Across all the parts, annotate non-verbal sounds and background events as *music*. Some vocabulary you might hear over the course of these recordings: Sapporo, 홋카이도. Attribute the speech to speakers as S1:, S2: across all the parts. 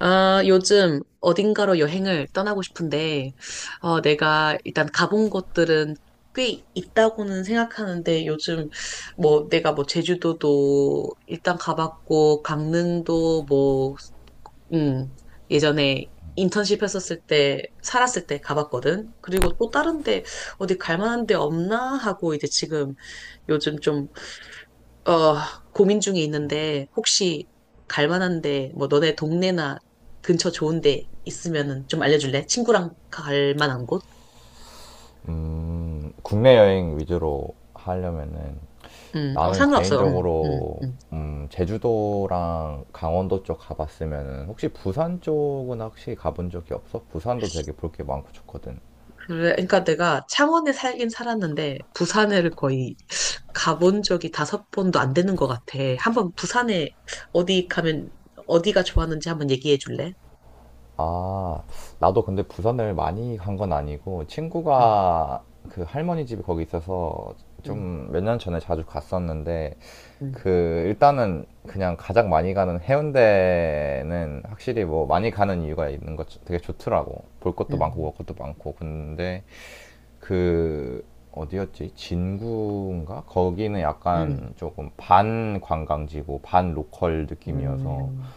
S1: 아, 요즘 어딘가로 여행을 떠나고 싶은데, 내가 일단 가본 곳들은 꽤 있다고는 생각하는데, 요즘 뭐 내가 뭐 제주도도 일단 가봤고, 강릉도 뭐, 음, 예전에 인턴십 했었을 때, 살았을 때 가봤거든. 그리고 또 다른 데 어디 갈 만한 데 없나 하고 이제 지금 요즘 좀 어, 고민 중에 있는데, 혹시 갈 만한 데, 뭐, 너네 동네나 근처 좋은 데 있으면은 좀 알려줄래? 친구랑 갈 만한 곳?
S2: 국내 여행 위주로 하려면은
S1: 어,
S2: 나는
S1: 상관없어. 음. 음.
S2: 개인적으로
S1: 음.
S2: 제주도랑 강원도 쪽 가봤으면은 혹시 부산 쪽은 혹시 가본 적이 없어? 부산도 되게 볼 게 많고 좋거든.
S1: 그래, 그러니까 내가 창원에 살긴 살았는데, 부산을 거의 가본 적이 다섯 번도 안 되는 것 같아. 한번 부산에 어디 가면, 어디가 좋았는지 한번 얘기해 줄래?
S2: 아, 나도 근데 부산을 많이 간 건 아니고
S1: 음.
S2: 친구가 그 할머니 집이 거기 있어서
S1: 음.
S2: 좀 몇 년 전에 자주 갔었는데
S1: 음.
S2: 그 일단은 그냥 가장 많이 가는 해운대는 확실히 뭐 많이 가는 이유가 있는 것 되게 좋더라고. 볼 것도 많고
S1: 음.
S2: 먹을 것도 많고. 근데 그 어디였지? 진구인가? 거기는 약간
S1: 음.
S2: 조금 반 관광지고 반 로컬 느낌이어서
S1: 음.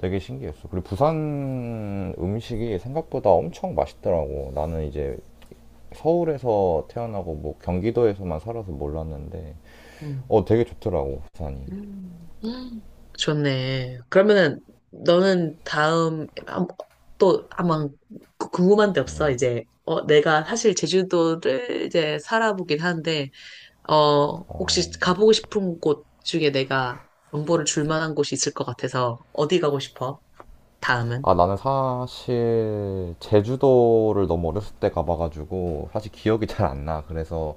S2: 되게 신기했어. 그리고 부산 음식이 생각보다 엄청 맛있더라고. 나는 이제 서울에서 태어나고 뭐 경기도에서만 살아서 몰랐는데
S1: 음.
S2: 어 되게 좋더라고 부산이.
S1: 음, 음, 좋네. 그러면은 너는 다음 또 아마 궁금한 데 없어? 이제 내가 사실 제주도를 이제 살아보긴 하는데 혹시 가보고 싶은 곳 중에 내가 정보를 줄 만한 곳이 있을 것 같아서 어디 가고 싶어? 다음은?
S2: 아, 나는 사실 제주도를 너무 어렸을 때 가봐가지고 사실 기억이 잘 안 나. 그래서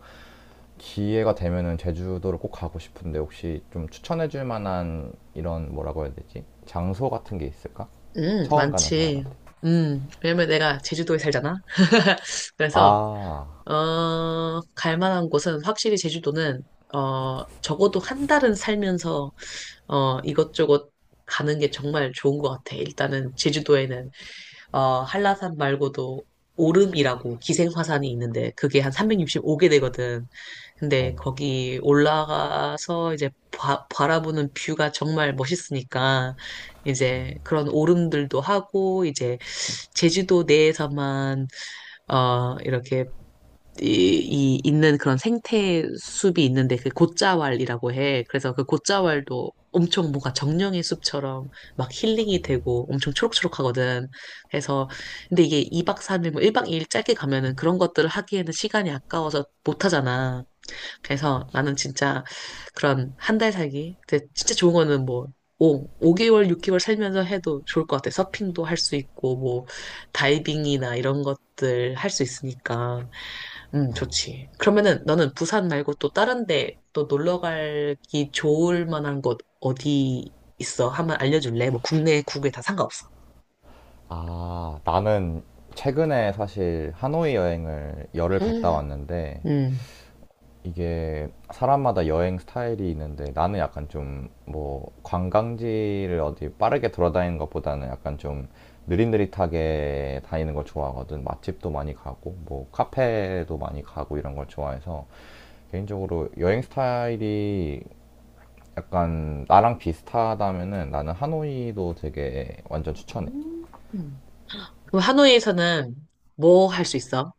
S2: 기회가 되면은 제주도를 꼭 가고 싶은데 혹시 좀 추천해줄 만한 이런 뭐라고 해야 되지? 장소 같은 게 있을까? 처음 가는
S1: 많지.
S2: 사람한테.
S1: 왜냐면 내가 제주도에 살잖아. *laughs* 그래서
S2: 아,
S1: 갈 만한 곳은 확실히 제주도는, 적어도 한 달은 살면서, 이것저것 가는 게 정말 좋은 것 같아. 일단은 제주도에는, 한라산 말고도 오름이라고 기생화산이 있는데 그게 한 365개 되거든.
S2: 어,
S1: 근데 거기 올라가서 이제 바라보는 뷰가 정말 멋있으니까 이제 그런 오름들도 하고 이제 제주도 내에서만 이렇게 이, 이 있는 그런 생태 숲이 있는데 그 곶자왈이라고 해. 그래서 그 곶자왈도 엄청 뭔가 정령의 숲처럼 막 힐링이 되고 엄청 초록초록하거든. 그래서 근데 이게 2박 3일 뭐 1박 2일 짧게 가면은 그런 것들을 하기에는 시간이 아까워서 못 하잖아. 그래서
S2: 그치.
S1: 나는 진짜 그런 1달 살기. 근데 진짜 좋은 거는 뭐 5, 개월 6개월 살면서 해도 좋을 것 같아. 서핑도 할 수 있고 뭐 다이빙이나 이런 것들 할 수 있으니까. 좋지. 그러면은 너는 부산 말고 또 다른 데 또 놀러 가기 좋을 만한 곳 어디 있어? 한번 알려줄래? 뭐 국내, 국외 다 상관없어.
S2: 아, 나는 최근에 사실 하노이 여행을 열흘 갔다
S1: 음.
S2: 왔는데
S1: 음.
S2: 이게 사람마다 여행 스타일이 있는데 나는 약간 좀 뭐 관광지를 어디 빠르게 돌아다니는 것보다는 약간 좀 느릿느릿하게 다니는 걸 좋아하거든. 맛집도 많이 가고 뭐 카페도 많이 가고 이런 걸 좋아해서 개인적으로 여행 스타일이 약간 나랑 비슷하다면은 나는 하노이도 되게 완전 추천해.
S1: 음. 그럼 하노이에서는 뭐 할 수 있어?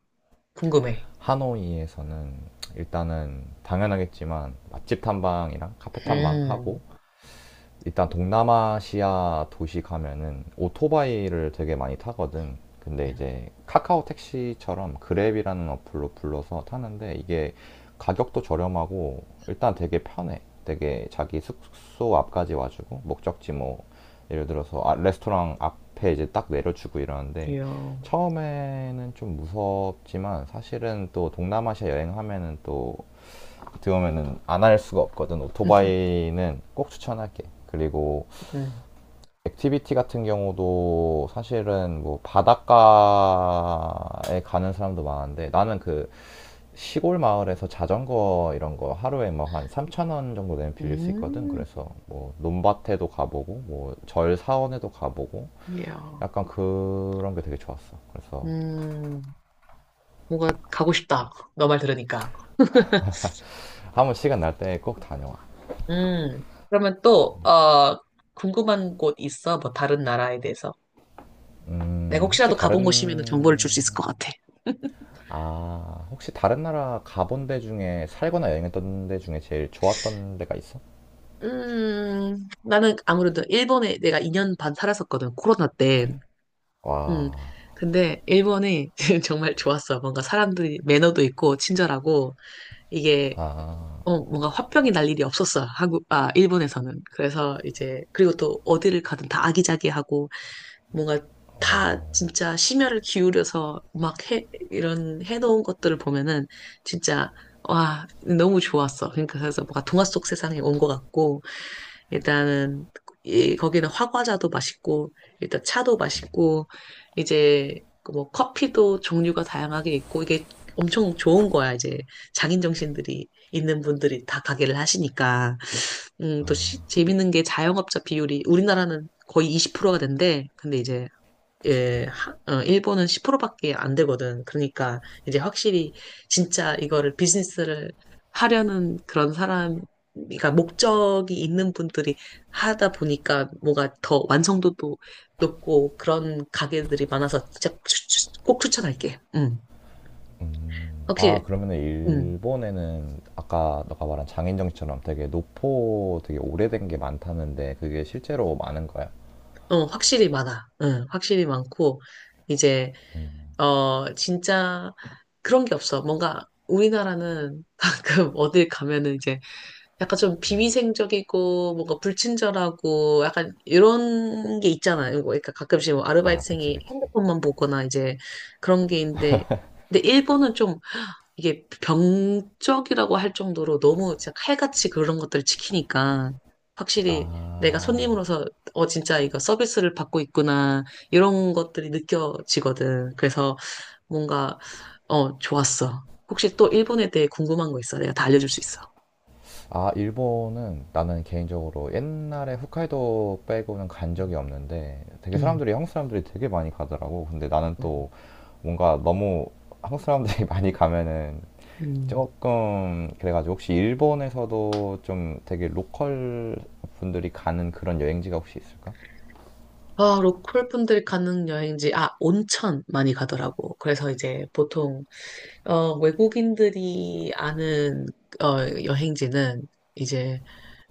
S1: 궁금해.
S2: 하노이에서는 일단은 당연하겠지만 맛집 탐방이랑 카페 탐방 하고
S1: 음.
S2: 일단 동남아시아 도시 가면은 오토바이를 되게 많이 타거든. 근데 이제 카카오 택시처럼 그랩이라는 어플로 불러서 타는데 이게 가격도 저렴하고 일단 되게 편해. 되게 자기 숙소 앞까지 와주고 목적지 뭐 예를 들어서 아, 레스토랑 앞에 이제 딱 내려주고 이러는데
S1: 이야.
S2: 처음에는 좀 무섭지만 사실은 또 동남아시아 여행하면은 또 들어오면은 안 할 수가 없거든.
S1: *laughs*
S2: 오토바이는 꼭 추천할게. 그리고
S1: 음.
S2: 액티비티 같은 경우도 사실은 뭐 바닷가에 가는 사람도 많은데 나는 그 시골 마을에서 자전거 이런 거 하루에 뭐 한 3천 원 정도 되면 빌릴 수 있거든.
S1: 음.
S2: 그래서 뭐 논밭에도 가보고 뭐 절 사원에도 가보고
S1: 이야.
S2: 약간 그런 게 되게 좋았어. 그래서
S1: 음. 뭔가 가고 싶다. 너 말 들으니까.
S2: 한번 시간 날 때 꼭 다녀와.
S1: 음. 그러면 또, 궁금한 곳 있어? 뭐 다른 나라에 대해서? 내가
S2: 혹시
S1: 혹시라도 가본 곳이면 정보를 줄 수 있을
S2: 다른
S1: 것 같아.
S2: 아, 혹시 다른 나라 가본 데 중에 살거나 여행했던 데 중에 제일 좋았던 데가 있어?
S1: 나는 아무래도 일본에 내가 2년 반 살았었거든, 코로나 때. 음,
S2: 와,
S1: 근데 일본이 *laughs* 정말 좋았어. 뭔가 사람들이 매너도 있고 친절하고 이게 뭔가 화병이 날 일이 없었어. 일본에서는. 그래서 이제, 그리고 또 어디를 가든 다 아기자기하고 뭔가 다 진짜 심혈을 기울여서 막 해, 이런 해놓은 것들을 보면은 진짜 와, 너무 좋았어. 그러니까 그래서 뭔가 동화 속 세상에 온 것 같고, 일단은 거기는 화과자도 맛있고, 일단 차도 맛있고, 이제 그뭐 커피도 종류가 다양하게 있고, 이게 엄청 좋은 거야. 이제 장인 정신들이 있는 분들이 다 가게를 하시니까. 또 재밌는 게 자영업자 비율이 우리나라는 거의 20%가 된대. 근데 이제
S2: 그치.
S1: 일본은 10%밖에 안 되거든. 그러니까 이제 확실히 진짜 이거를 비즈니스를 하려는 그런 사람, 그러니까 목적이 있는 분들이 하다 보니까 뭐가 더 완성도도 높고 그런 가게들이 많아서 진짜 꼭 추천할게.
S2: 아,
S1: 확실히,
S2: 그러면은
S1: 음,
S2: 일본에는 아까 너가 말한 장인정신처럼 되게 노포 되게 오래된 게 많다는데 그게 실제로 많은 거야?
S1: 확실히 많아. 확실히 많고 이제 진짜 그런 게 없어. 뭔가 우리나라는 *laughs* 가끔 어딜 가면은 이제 약간 좀 비위생적이고 뭔가 불친절하고 약간 이런 게 있잖아요. 뭐 그러니까 가끔씩 뭐
S2: 아, 그치,
S1: 아르바이트생이
S2: 그치.
S1: 핸드폰만 보거나 이제 그런 게 있는데 근데 일본은 좀 이게 병적이라고 할 정도로 너무 진짜 칼같이 그런 것들을 지키니까 확실히 내가
S2: 아,
S1: 손님으로서 진짜 이거 서비스를 받고 있구나 이런 것들이 느껴지거든. 그래서 뭔가 좋았어. 혹시 또 일본에 대해 궁금한 거 있어? 내가 다 알려줄 수 있어.
S2: 아, 일본은 나는 개인적으로 옛날에 홋카이도 빼고는 간 적이 없는데 되게
S1: 음.
S2: 사람들이 한국 사람들이 되게 많이 가더라고. 근데 나는
S1: 음.
S2: 또 뭔가 너무 한국 사람들이 *laughs* 많이 가면은
S1: 음.
S2: 조금 그래가지고 혹시 일본에서도 좀 되게 로컬 분들이 가는 그런 여행지가 혹시 있을까?
S1: 아, 로컬 분들이 가는 여행지, 아, 온천 많이 가더라고. 그래서 이제 보통, 외국인들이 아는, 어, 여행지는 이제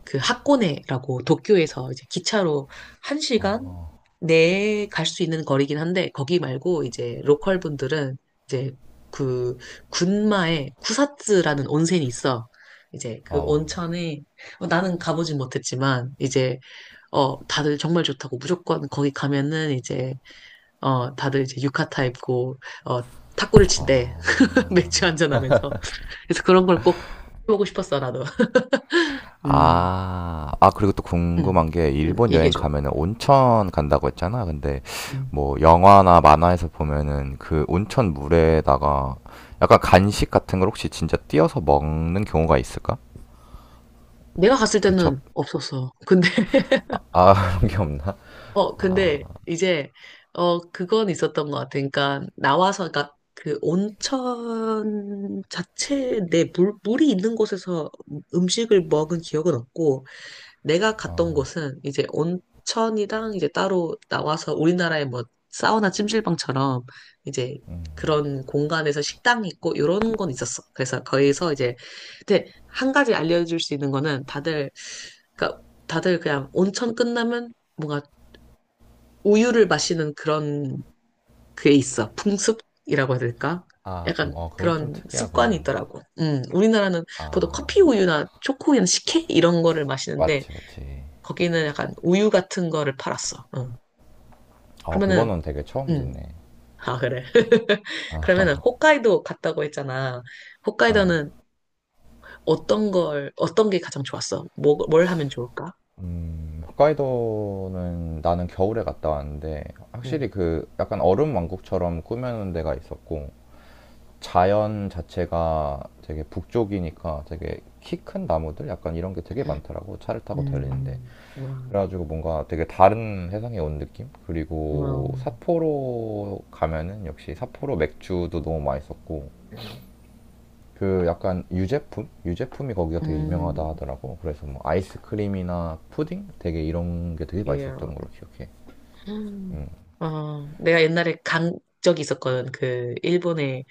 S1: 그 하코네라고 도쿄에서 이제 기차로 1시간 내에 갈 수 있는 거리긴 한데, 거기 말고 이제 로컬 분들은 이제 그 군마에 쿠사츠라는 온천이 있어. 이제 그
S2: 어.
S1: 온천에, 나는 가보진 못했지만, 이제 다들 정말 좋다고 무조건 거기 가면은 이제, 다들 이제 유카타 입고, 어, 탁구를 친대. *laughs* 맥주 한잔 하면서. 그래서 그런 걸 꼭 해보고 싶었어, 나도. 음.
S2: 아, 아, 그리고 또
S1: 음.
S2: 궁금한 게, 일본 여행
S1: 얘기해줘.
S2: 가면은 온천 간다고 했잖아. 근데,
S1: 음.
S2: 뭐, 영화나 만화에서 보면은 그 온천 물에다가 약간 간식 같은 걸 혹시 진짜 띄어서 먹는 경우가 있을까?
S1: 내가 갔을
S2: 그 접,
S1: 때는 없었어. 근데, *laughs*
S2: 아, *laughs* 그런 게 없나?
S1: 근데 이제, 그건 있었던 것 같아. 그러니까, 나와서, 그러니까 그 온천 자체 내 물이 있는 곳에서 음식을 먹은 기억은 없고, 내가 갔던
S2: 어,
S1: 곳은 이제 온천이랑 이제 따로 나와서 우리나라의 뭐 사우나 찜질방처럼 이제 그런 공간에서 식당이 있고 이런 건 있었어. 그래서 거기서 이제 근데 한 가지 알려줄 수 있는 거는 다들 그러니까 다들 그냥 온천 끝나면 뭔가 우유를 마시는 그런 그게 있어. 풍습이라고 해야 될까?
S2: 아, 오,
S1: 약간
S2: 어, 그건 좀
S1: 그런 습관이
S2: 특이하구나.
S1: 있더라고. 우리나라는 보통 커피
S2: 아,
S1: 우유나 초코우유나 식혜 이런 거를 마시는데
S2: 맞지, 맞지.
S1: 거기는 약간 우유 같은 거를 팔았어. 어.
S2: 어,
S1: 그러면은,
S2: 그거는 되게 처음
S1: 음.
S2: 듣네.
S1: 아, 그래. *laughs* 그러면은 홋카이도 갔다고 했잖아.
S2: 아,
S1: 홋카이도는 어떤 게 가장 좋았어? 뭐, 뭘 하면 좋을까?
S2: 홋카이도는 나는 겨울에 갔다 왔는데
S1: 음.
S2: 확실히 그 약간 얼음 왕국처럼 꾸며놓은 데가 있었고 자연 자체가 되게 북쪽이니까 되게 키 큰 나무들 약간 이런 게 되게
S1: 음.
S2: 많더라고 차를 타고 달리는데
S1: 음. 와,
S2: 그래가지고 뭔가 되게 다른 세상에 온 느낌?
S1: 와,
S2: 그리고 삿포로 가면은 역시 삿포로 맥주도 너무 맛있었고
S1: 음.
S2: 그 약간 유제품? 유제품이 거기가 되게
S1: 음.
S2: 유명하다 하더라고. 그래서 뭐 아이스크림이나 푸딩? 되게 이런 게 되게 맛있었던
S1: 예.
S2: 걸로 기억해.
S1: 음. 내가 옛날에 간 적이 있었거든. 그, 일본에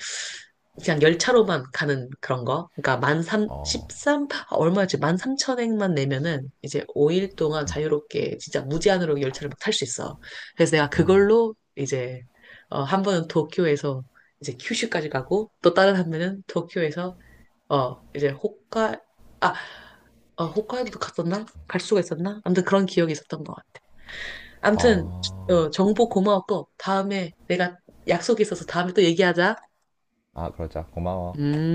S1: 그냥 열차로만 가는 그런 거. 그러니까 만 삼,
S2: 어,
S1: 13, 아, 얼마였지? 만 삼천 엔만 내면은 이제 5일 동안 자유롭게 진짜 무제한으로 열차를 막 탈 수 있어. 그래서 내가 그걸로 이제, 한 번은 도쿄에서 이제 큐슈까지 가고 또 다른 한 번은 도쿄에서, 이제 아, 홋카이도도 갔었나? 갈 수가 있었나? 아무튼 그런 기억이 있었던 것 같아. 암튼,
S2: 아,
S1: 정보 고마웠고, 다음에 내가 약속이 있어서 다음에 또 얘기하자.
S2: 아, 그러자. 고마워.
S1: 음.